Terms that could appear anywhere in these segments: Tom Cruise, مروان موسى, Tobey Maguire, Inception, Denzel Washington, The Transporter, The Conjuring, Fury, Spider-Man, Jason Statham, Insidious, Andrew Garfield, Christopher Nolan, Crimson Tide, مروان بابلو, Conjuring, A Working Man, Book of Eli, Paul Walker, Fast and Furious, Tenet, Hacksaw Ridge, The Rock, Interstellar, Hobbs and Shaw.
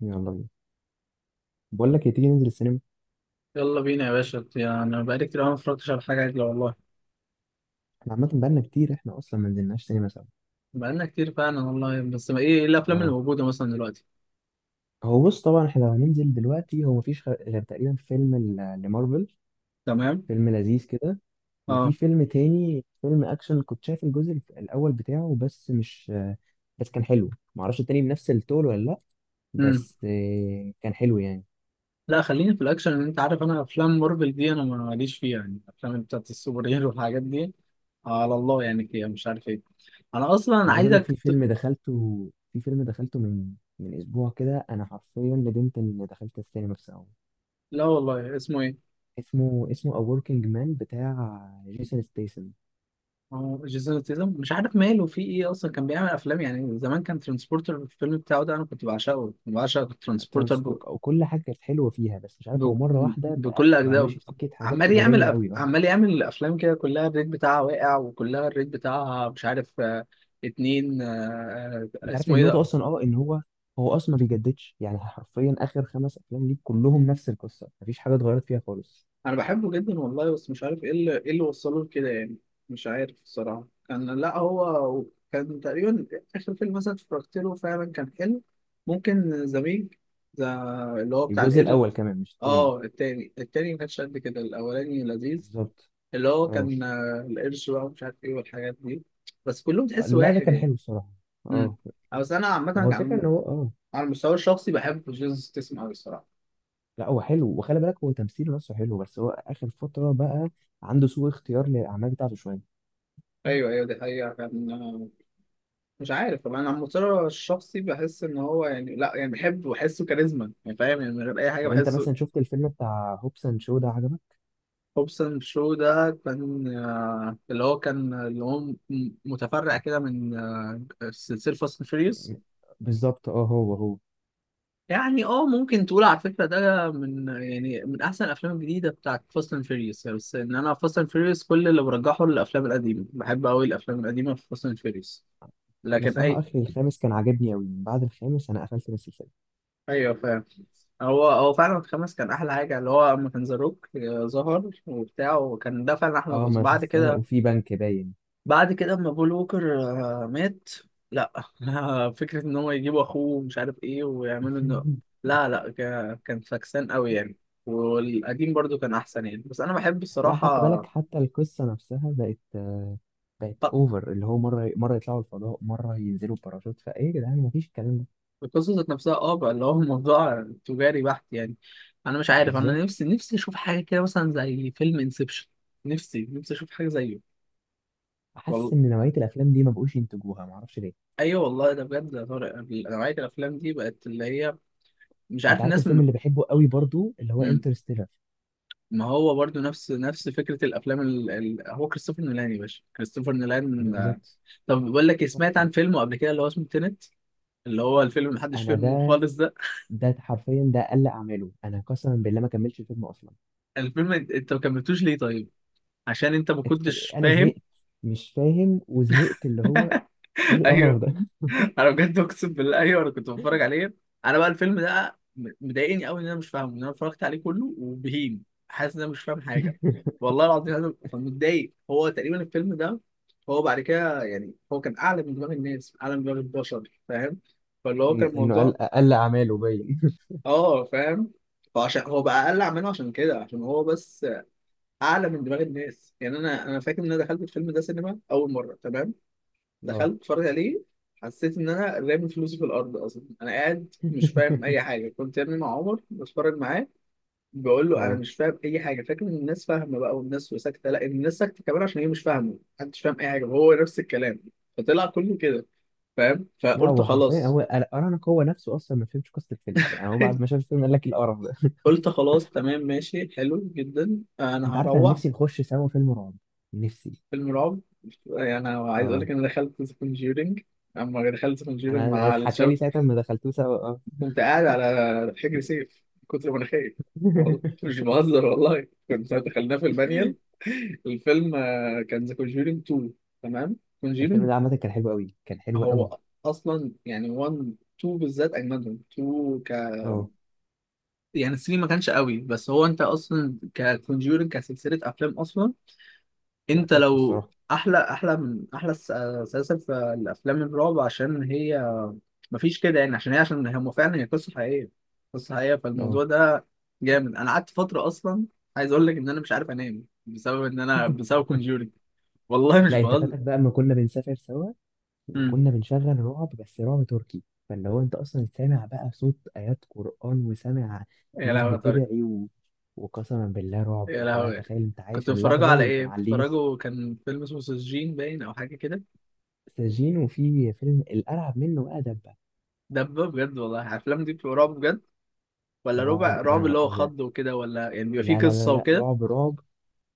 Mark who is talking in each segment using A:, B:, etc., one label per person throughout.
A: يلا بينا. بقول لك إيه، تيجي ننزل السينما؟
B: يلا بينا يا باشا، يعني أنا بقالي كتير أوي ما اتفرجتش على حاجة عدلة والله.
A: احنا عامة بقالنا كتير، احنا اصلا ما نزلناش سينما سوا.
B: بقالنا كتير فعلا والله، بس ما إيه الأفلام اللي
A: اه.
B: موجودة مثلا دلوقتي؟
A: هو بص طبعا احنا لو هننزل دلوقتي هو مفيش غير تقريبا فيلم لمارفل،
B: تمام.
A: فيلم لذيذ كده. وفي
B: أه.
A: فيلم تاني، فيلم اكشن كنت شايف الجزء الاول بتاعه، بس مش بس كان حلو، معرفش التاني بنفس التول ولا لا،
B: أمم.
A: بس كان حلو يعني.
B: لا، خليني في الأكشن، لأن أنت عارف أنا أفلام مارفل دي أنا ماليش فيها، يعني الأفلام بتاعت السوبر هيرو والحاجات دي. على الله يعني كده، مش عارف إيه. أنا أصلا
A: انا عايز اقول لك في فيلم دخلته في فيلم دخلته من اسبوع كده، انا حرفيا ندمت ان دخلت السينما. بس
B: لا والله، اسمه إيه؟
A: اسمه A Working Man بتاع جيسون ستيسن.
B: أه، جيسون ستيثم مش عارف ماله في إيه، أصلا كان بيعمل أفلام يعني زمان، كان ترانسبورتر. الفيلم بتاعه ده أنا كنت بعشقه، بعشق الترانسبورتر
A: ترانسبورت وكل حاجه كانت حلوه فيها، بس مش عارف
B: ب-
A: هو مره واحده بقى,
B: بكل
A: بقى
B: أجزائه.
A: ماشي في سكه حاجات تجاريه قوي. اه.
B: عمال يعمل الأفلام كده، كلها الريت بتاعها واقع، وكلها الريت بتاعها مش عارف 2
A: انت عارف
B: اسمه إيه
A: النقطه
B: ده؟
A: اصلا ان هو اصلا ما بيجددش يعني. حرفيا اخر 5 افلام ليه كلهم نفس القصه، مفيش حاجه اتغيرت فيها خالص.
B: أنا بحبه جدا والله، بس مش عارف إيه اللي وصله لكده يعني. مش عارف الصراحة، كان لا هو كان تقريبا آخر فيلم مثلا اتفرجت له فعلا كان حلو. ممكن زميج، ده اللي هو بتاع
A: الجزء
B: القرد.
A: الاول كمان مش التاني.
B: اه، التاني ما كانش قد كده، الأولاني لذيذ،
A: بالظبط.
B: اللي هو
A: اه.
B: كان القرش بقى ومش عارف ايه والحاجات دي. بس كلهم تحس
A: لا ده
B: واحد
A: كان
B: يعني.
A: حلو الصراحه.
B: امم.
A: اه.
B: بس انا عامة
A: ما هو
B: على
A: الفكره ان هو
B: على المستوى الشخصي بحب جيسوس ستيسم قوي الصراحة.
A: لا هو حلو، وخلي بالك هو تمثيله نفسه حلو، بس هو اخر فتره بقى عنده سوء اختيار للاعمال بتاعته شويه.
B: ايوه ايوه، دي حقيقة كان مش عارف طبعا. انا على المستوى الشخصي بحس ان هو يعني لا، يعني بحبه، بحسه كاريزما يعني، فاهم يعني، من غير اي حاجة
A: طب انت
B: بحسه.
A: مثلا شفت الفيلم بتاع هوبس اند شو ده؟ عجبك؟
B: هوبسون شو ده كان اللي هو كان اللي هو متفرع كده من سلسلة فاست اند فيريوس.
A: بالظبط. اه. هو.
B: يعني اه، ممكن تقول على فكرة ده من، يعني من أحسن الأفلام الجديدة بتاعت فاست أند فيريوس، بس إن أنا فاست أند فيريوس كل اللي برجحه للأفلام القديمة، بحب أوي الأفلام القديمة في فاست أند فيريوس.
A: انا
B: لكن
A: صراحه
B: أي.
A: اخر الخامس كان عاجبني قوي، بعد الخامس انا قفلت من السلسله.
B: أيوه فاهم. هو هو فعلا الخامس كان أحلى حاجة، اللي هو لما كان ذا روك ظهر وبتاع، وكان ده فعلا أحلى
A: اه.
B: جزء.
A: ما
B: بعد كده،
A: سرقوا في بنك باين.
B: بعد كده اما بول ووكر مات. لا. فكرة ان هو يجيبوا اخوه ومش عارف ايه ويعملوا انه. لا لا، كان فاكسان قوي يعني. والقديم برضو كان احسن يعني. بس انا بحب
A: لا حتى
B: الصراحة
A: بالك، حتى القصه نفسها بقت
B: آه،
A: اوفر، اللي هو مره مره يطلعوا الفضاء، مره ينزلوا باراشوت، فايه يا جدعان مفيش الكلام ده.
B: القصة ذات نفسها اه بقى اللي هو الموضوع تجاري بحت يعني. انا مش عارف، انا
A: بالظبط.
B: نفسي اشوف حاجة كده مثلا زي فيلم انسبشن. نفسي اشوف حاجة زيه.
A: حاسس
B: والله،
A: ان نوعيه الافلام دي ما بقوش ينتجوها، ما اعرفش ليه.
B: ايوه والله، ده بجد يا طارق، نوعية الافلام دي بقت اللي هي مش
A: انت
B: عارف
A: عارف
B: الناس.
A: الفيلم اللي بحبه قوي برضو اللي هو
B: م...
A: انترستيلر؟
B: ما هو برضو نفس فكرة الأفلام هو كريستوفر نولان يا باشا، كريستوفر نولان
A: بالظبط.
B: طب بقول لك إيه، سمعت
A: تحفه.
B: عن فيلمه قبل كده اللي هو اسمه تينت، اللي هو الفيلم اللي محدش
A: انا
B: فهمه
A: ده
B: خالص ده.
A: ده حرفيا ده اقل اعماله. انا قسما بالله ما كملتش الفيلم اصلا.
B: الفيلم، أنت ما كملتوش ليه طيب؟ عشان أنت ما كنتش
A: انا
B: فاهم.
A: زهقت، مش فاهم وزهقت، اللي هو ايه
B: أيوه.
A: القرف ده.
B: انا بجد اقسم بالله ايوه، انا كنت بتفرج عليه. انا بقى الفيلم ده مضايقني قوي ان انا مش فاهمه، ان انا اتفرجت عليه كله وبهيم حاسس ان انا مش فاهم حاجه. والله العظيم انا كنت متضايق، هو تقريبا الفيلم ده هو بعد كده يعني، هو كان اعلى من دماغ الناس، اعلى من دماغ البشر فاهم. فاللي هو
A: إن
B: كان
A: انه قل
B: الموضوع
A: اقل اعماله باين.
B: اه، فاهم. فعشان هو بقى اقل عمله، عشان كده، عشان هو بس اعلى من دماغ الناس يعني. انا فاكر ان انا دخلت الفيلم ده سينما اول مره تمام.
A: اه.
B: دخلت اتفرج عليه، حسيت ان انا رامي فلوسي في الارض اصلا. انا قاعد مش فاهم اي حاجه، كنت يا ابني مع عمر بتفرج معاه، بقول له انا
A: اه.
B: مش فاهم اي حاجه. فاكر ان الناس فاهمه بقى والناس ساكته. لا، الناس ساكته كمان عشان هي مش فاهمه، محدش فاهم اي حاجه، وهو نفس الكلام. فطلع كله كده فاهم،
A: لا
B: فقلت
A: هو حرفيا
B: خلاص.
A: هو ارانك، هو نفسه اصلا ما فهمش قصه الفيلم، يعني هو بعد ما شاف الفيلم قال لك إيه القرف ده.
B: قلت خلاص، تمام، ماشي حلو جدا، انا
A: انت عارف انا
B: هروح.
A: نفسي نخش سوا فيلم رعب. نفسي.
B: فيلم رعب، يعني أنا عايز اقول
A: اه.
B: لك، انا دخلت ذا كونجورينج، اما دخلت ذا كونجورينج
A: انا
B: مع
A: اتحكى لي
B: الشباب،
A: ساعتها ما دخلتوه سوا. اه.
B: كنت قاعد على حجر سيف من كتر ما انا خايف. والله مش بهزر، والله كنت دخلنا في المانيال. الفيلم كان ذا كونجورينج 2. تمام
A: الفيلم
B: كونجورينج.
A: ده عامه كان حلو قوي، كان حلو قوي.
B: هو اصلا يعني 1 2 بالذات، اجمدهم 2 ك.
A: اه.
B: يعني 3 ما كانش قوي. بس هو انت اصلا ككونجورينج كسلسله افلام اصلا،
A: لا
B: انت
A: تحفه
B: لو
A: الصراحه.
B: احلى، احلى من احلى سلاسل في الافلام الرعب، عشان هي مفيش كده يعني، عشان هي عشان هم فعلا، هي قصه حقيقيه، قصه حقيقيه. فالموضوع
A: اه.
B: ده جامد. انا قعدت فتره اصلا، عايز اقول لك ان انا مش عارف انام بسبب ان انا بسبب كونجورينج، والله مش
A: لا انت
B: بهزر.
A: فاتك بقى اما كنا بنسافر سوا،
B: امم.
A: وكنا بنشغل رعب، بس رعب تركي، فاللي هو انت اصلا سامع بقى صوت ايات قرآن، وسامع
B: يا
A: ناس
B: لهوي يا طارق.
A: بتدعي وقسما بالله رعب،
B: يا
A: انت بقى
B: لهوي.
A: تخيل انت
B: كنت
A: عايش
B: بتفرجوا
A: اللحظة،
B: على
A: وانت
B: ايه؟
A: معلين
B: بتفرجوا كان فيلم اسمه سجين باين او حاجه كده؟
A: السجين. وفي فيلم الارعب منه بقى دبة.
B: دبه بجد والله، الافلام دي بتبقى رعب بجد، ولا
A: رعب
B: ربع
A: يا
B: رعب
A: نهار
B: اللي هو
A: ابيض.
B: خض وكده، ولا يعني بيبقى فيه
A: لا لا لا
B: قصه
A: لا،
B: وكده؟
A: رعب رعب،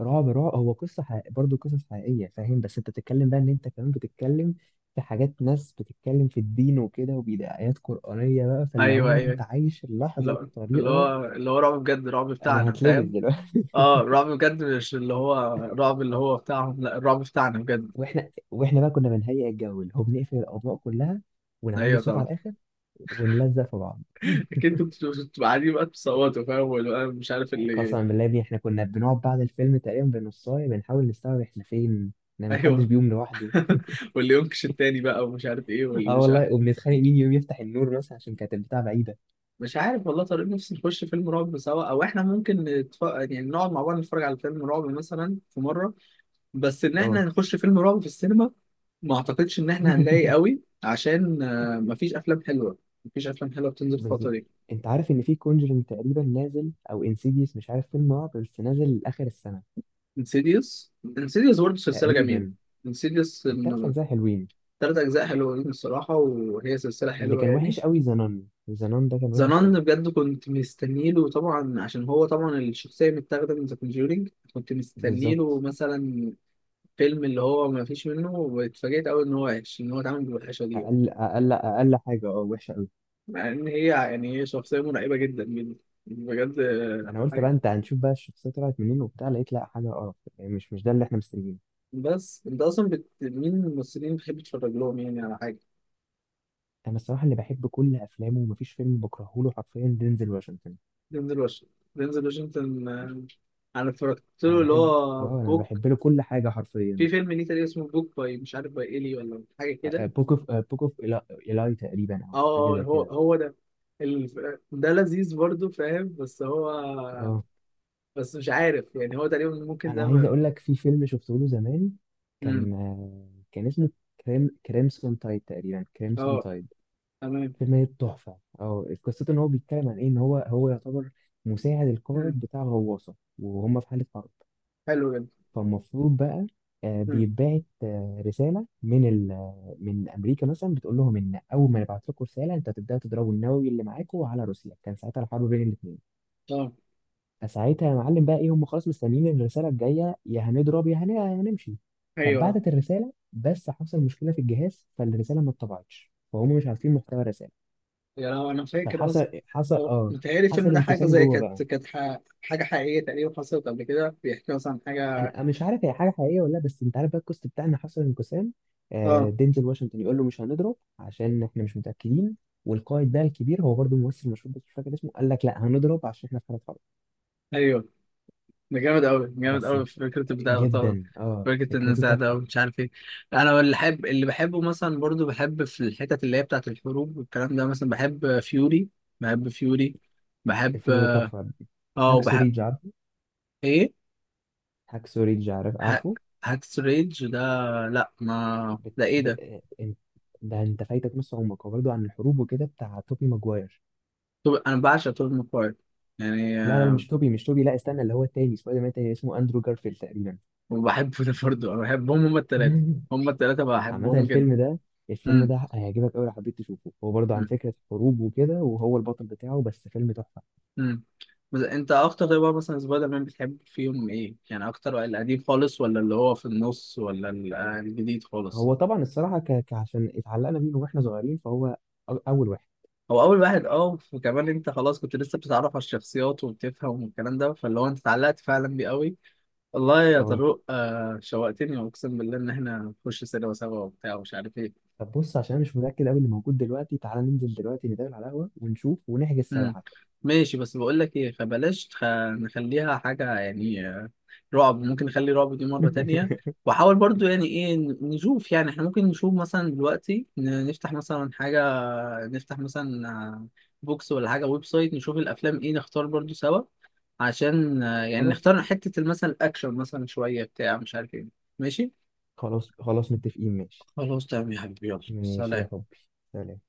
A: رعب رعب. هو قصة برضه قصص حقيقية، فاهم؟ بس انت بتتكلم بقى، ان انت كمان بتتكلم في حاجات ناس بتتكلم في الدين وكده، وبيدي آيات قرآنية بقى، فاللي
B: ايوه
A: هو انت
B: ايوه.
A: عايش اللحظة
B: لا، اللي
A: بطريقة.
B: هو اللي هو رعب بجد، رعب
A: انا
B: بتاعنا
A: هتلبس
B: فاهم.
A: دلوقتي.
B: اه، الرعب بجد، مش اللي هو الرعب اللي هو بتاعهم، لا الرعب بتاعنا بجد.
A: واحنا بقى كنا بنهيئ الجو، اللي هو بنقفل الأضواء كلها، ونعلي
B: ايوه
A: الصوت
B: طبعا.
A: على الآخر، ونلزق في بعض.
B: اكيد انتوا بتبقوا قاعدين بقى بتصوتوا، فاهم، واللي بقى مش عارف اللي.
A: قسما بالله يا ابني، احنا كنا بنقعد بعد الفيلم تقريبا بنصاية، بنحاول نستوعب احنا فين، ان محدش
B: ايوه.
A: بيقوم لوحده.
B: واللي ينكش التاني بقى ومش عارف ايه واللي
A: اه
B: مش عارف.
A: والله، وبنتخانق مين يقوم يفتح النور مثلا عشان كانت البتاع بعيدة.
B: مش عارف والله طارق، نفسي نخش فيلم رعب سوا، او احنا ممكن يعني نقعد مع بعض نتفرج على فيلم رعب مثلا في مره. بس ان
A: اه.
B: احنا نخش فيلم رعب في السينما، ما اعتقدش ان احنا هنلاقي قوي، عشان مفيش افلام حلوه. مفيش افلام حلوه بتنزل الفتره
A: بالظبط.
B: دي.
A: انت عارف ان في كونجرينج تقريبا نازل، او انسيديوس، مش عارف، فيلم رعب بس نازل لاخر السنه.
B: انسيديوس. انسيديوس برضه سلسلة جميلة.
A: تقريبا
B: انسيديوس
A: التلات
B: من
A: اجزاء حلوين.
B: 3 أجزاء حلوين. الصراحة، وهي سلسلة
A: اللي
B: حلوة
A: كان
B: يعني.
A: وحش قوي زنان زنان ده، كان
B: ذا
A: وحش قوي.
B: نان بجد كنت مستنيله طبعا، عشان هو طبعا الشخصية متاخدة من ذا كونجورينج. كنت مستنيله
A: بالظبط.
B: مثلا فيلم اللي هو ما فيش منه، واتفاجئت أوي إن هو وحش، إن هو اتعمل بالوحشة دي يعني.
A: اقل اقل اقل حاجه وحشه قوي.
B: مع إن هي يعني هي شخصية مرعبة جدا جدا. بجد
A: انا قلت بقى
B: حاجة.
A: انت هنشوف بقى الشخصيه طلعت منين وبتاع، لقيت لا حاجه قرف يعني، مش ده اللي احنا مستنيينه.
B: بس أنت أصلا مين الممثلين بتحب تتفرج لهم يعني على حاجة؟
A: انا الصراحه اللي بحب كل افلامه ومفيش فيلم بكرهه له حرفيا دينزل واشنطن.
B: دينزل واشنطن. دينزل واشنطن انا اتفرجت
A: انا
B: له اللي
A: بحب
B: هو
A: اه انا
B: بوك.
A: بحب له كل حاجه حرفيا.
B: في فيلم ليه تقريبا اسمه بوك باي، مش عارف باي ايلي ولا حاجه كده.
A: بوك اوف إيلاي تقريبا،
B: اه
A: او حاجه زي
B: هو
A: كده.
B: هو ده. ال- ده لذيذ برضه فاهم، بس هو
A: اه.
B: بس مش عارف، يعني هو تقريبا ممكن
A: انا
B: ده
A: عايز اقول لك في فيلم شفته له زمان، كان
B: امم.
A: آه، كان اسمه كريمسون تايد تقريبا، كريمسون
B: اه.
A: تايد.
B: تمام.
A: فيلم تحفه. اه. قصته ان هو بيتكلم عن ايه، ان هو يعتبر مساعد
B: امم.
A: القائد بتاع غواصه، وهم في حاله حرب.
B: حلو جدا.
A: فالمفروض بقى
B: امم.
A: بيتبعت رساله من ال آه، من امريكا مثلا، بتقول لهم ان اول ما نبعت لكم رساله، انت هتبداوا تضربوا النووي اللي معاكم على روسيا، كان ساعتها الحرب بين الاثنين.
B: اه.
A: فساعتها يا معلم بقى ايه، هم خلاص مستنيين إن الرساله الجايه يا هنضرب، يا هنمشي.
B: ايوه.
A: فبعتت الرساله، بس حصل مشكله في الجهاز، فالرساله ما اتطبعتش، فهم مش عارفين محتوى الرساله.
B: يا، لو انا فاكر
A: فحصل
B: اصلا،
A: حصل
B: هو
A: اه
B: متهيألي الفيلم
A: حصل
B: ده حاجة
A: انقسام
B: زي
A: جوه بقى.
B: كانت حاجة حقيقية تقريبا حصلت قبل كده، بيحكي مثلا عن حاجة.
A: انا مش عارف هي حاجه حقيقيه ولا لا، بس انت عارف بقى الكوست بتاعنا حصل انقسام.
B: اه
A: دينزل واشنطن يقول له مش هنضرب عشان احنا مش متاكدين، والقائد بقى الكبير هو برضه ممثل مشهور بس مش فاكر اسمه، قال لك لا هنضرب عشان احنا في حاله حرب.
B: ايوه. ده جامد قوي، جامد
A: بس
B: قوي في فكره البتاع ده طبعا،
A: جدا، اه،
B: فكره
A: فكرته
B: النزاع ده
A: تحفه.
B: ومش عارف ايه. انا اللي بحب، اللي بحبه مثلا برضو، بحب في الحتت اللي هي بتاعه الحروب والكلام ده، مثلا بحب فيوري. بحب فيوري. بحب
A: الفيلم ده تحفة.
B: اه،
A: هاكسو
B: وبحب
A: ريدج، عارفه؟
B: ايه؟
A: هاكسو ريدج، عارف؟
B: ه-
A: عارفه؟
B: هاكس ريج ده. لا، ما
A: بت...
B: ده ايه
A: ب...
B: ده؟
A: انت- ده انت فايتك نص عمرك، هو برضه عن الحروب وكده بتاع توبي ماجواير.
B: طب انا بعشق توب ماكواير يعني
A: لا لا لا، مش توبي، مش توبي، لا استنى، اللي هو التاني سبايدر مان التاني اسمه اندرو جارفيلد تقريبا.
B: وبحبه ده برضه انا بحبهم هما التلاتة. هما التلاتة
A: عامة
B: بحبهم جدا.
A: الفيلم ده الفيلم
B: امم.
A: ده هيعجبك أوي لو حبيت تشوفه، هو برضه عن
B: إمم.
A: فكرة حروب وكده، وهو البطل بتاعه، بس فيلم تحفة.
B: امم. بس انت اكتر طيب بقى مثلا سبايدر مان بتحب فيهم ايه؟ يعني اكتر واحد، القديم خالص، ولا اللي هو في النص، ولا الجديد خالص؟
A: هو طبعا الصراحة عشان اتعلقنا بيه من واحنا صغيرين فهو أول واحد.
B: هو اول واحد اه، وكمان انت خلاص كنت لسه بتتعرف على الشخصيات وبتفهم والكلام ده، فاللي هو انت اتعلقت فعلا بيه قوي. والله يا
A: اه.
B: طارق آه شوقتني، اقسم بالله ان احنا نخش سينما سوا وبتاع ومش عارف ايه.
A: طب بص، عشان انا مش متاكد قوي اللي موجود دلوقتي، تعالى ننزل دلوقتي، نتقابل على القهوه ونشوف ونحجز سوا
B: مم.
A: حتى.
B: ماشي، بس بقول لك ايه، فبلاش نخليها حاجه يعني رعب. ممكن نخلي رعب دي مره تانية. وحاول برضو يعني ايه نشوف، يعني احنا ممكن نشوف مثلا دلوقتي نفتح مثلا حاجه. نفتح مثلا بوكس ولا حاجه، ويب سايت، نشوف الافلام ايه، نختار برضو سوا. عشان يعني
A: خلاص،
B: نختار حته مثلا الاكشن، مثلا شويه بتاع مش عارف ايه. ماشي.
A: خلاص، خلاص، متفقين. ماشي.
B: خلاص تمام يا حبيبي، يلا
A: ماشي يا
B: سلام.
A: حبي. سلام.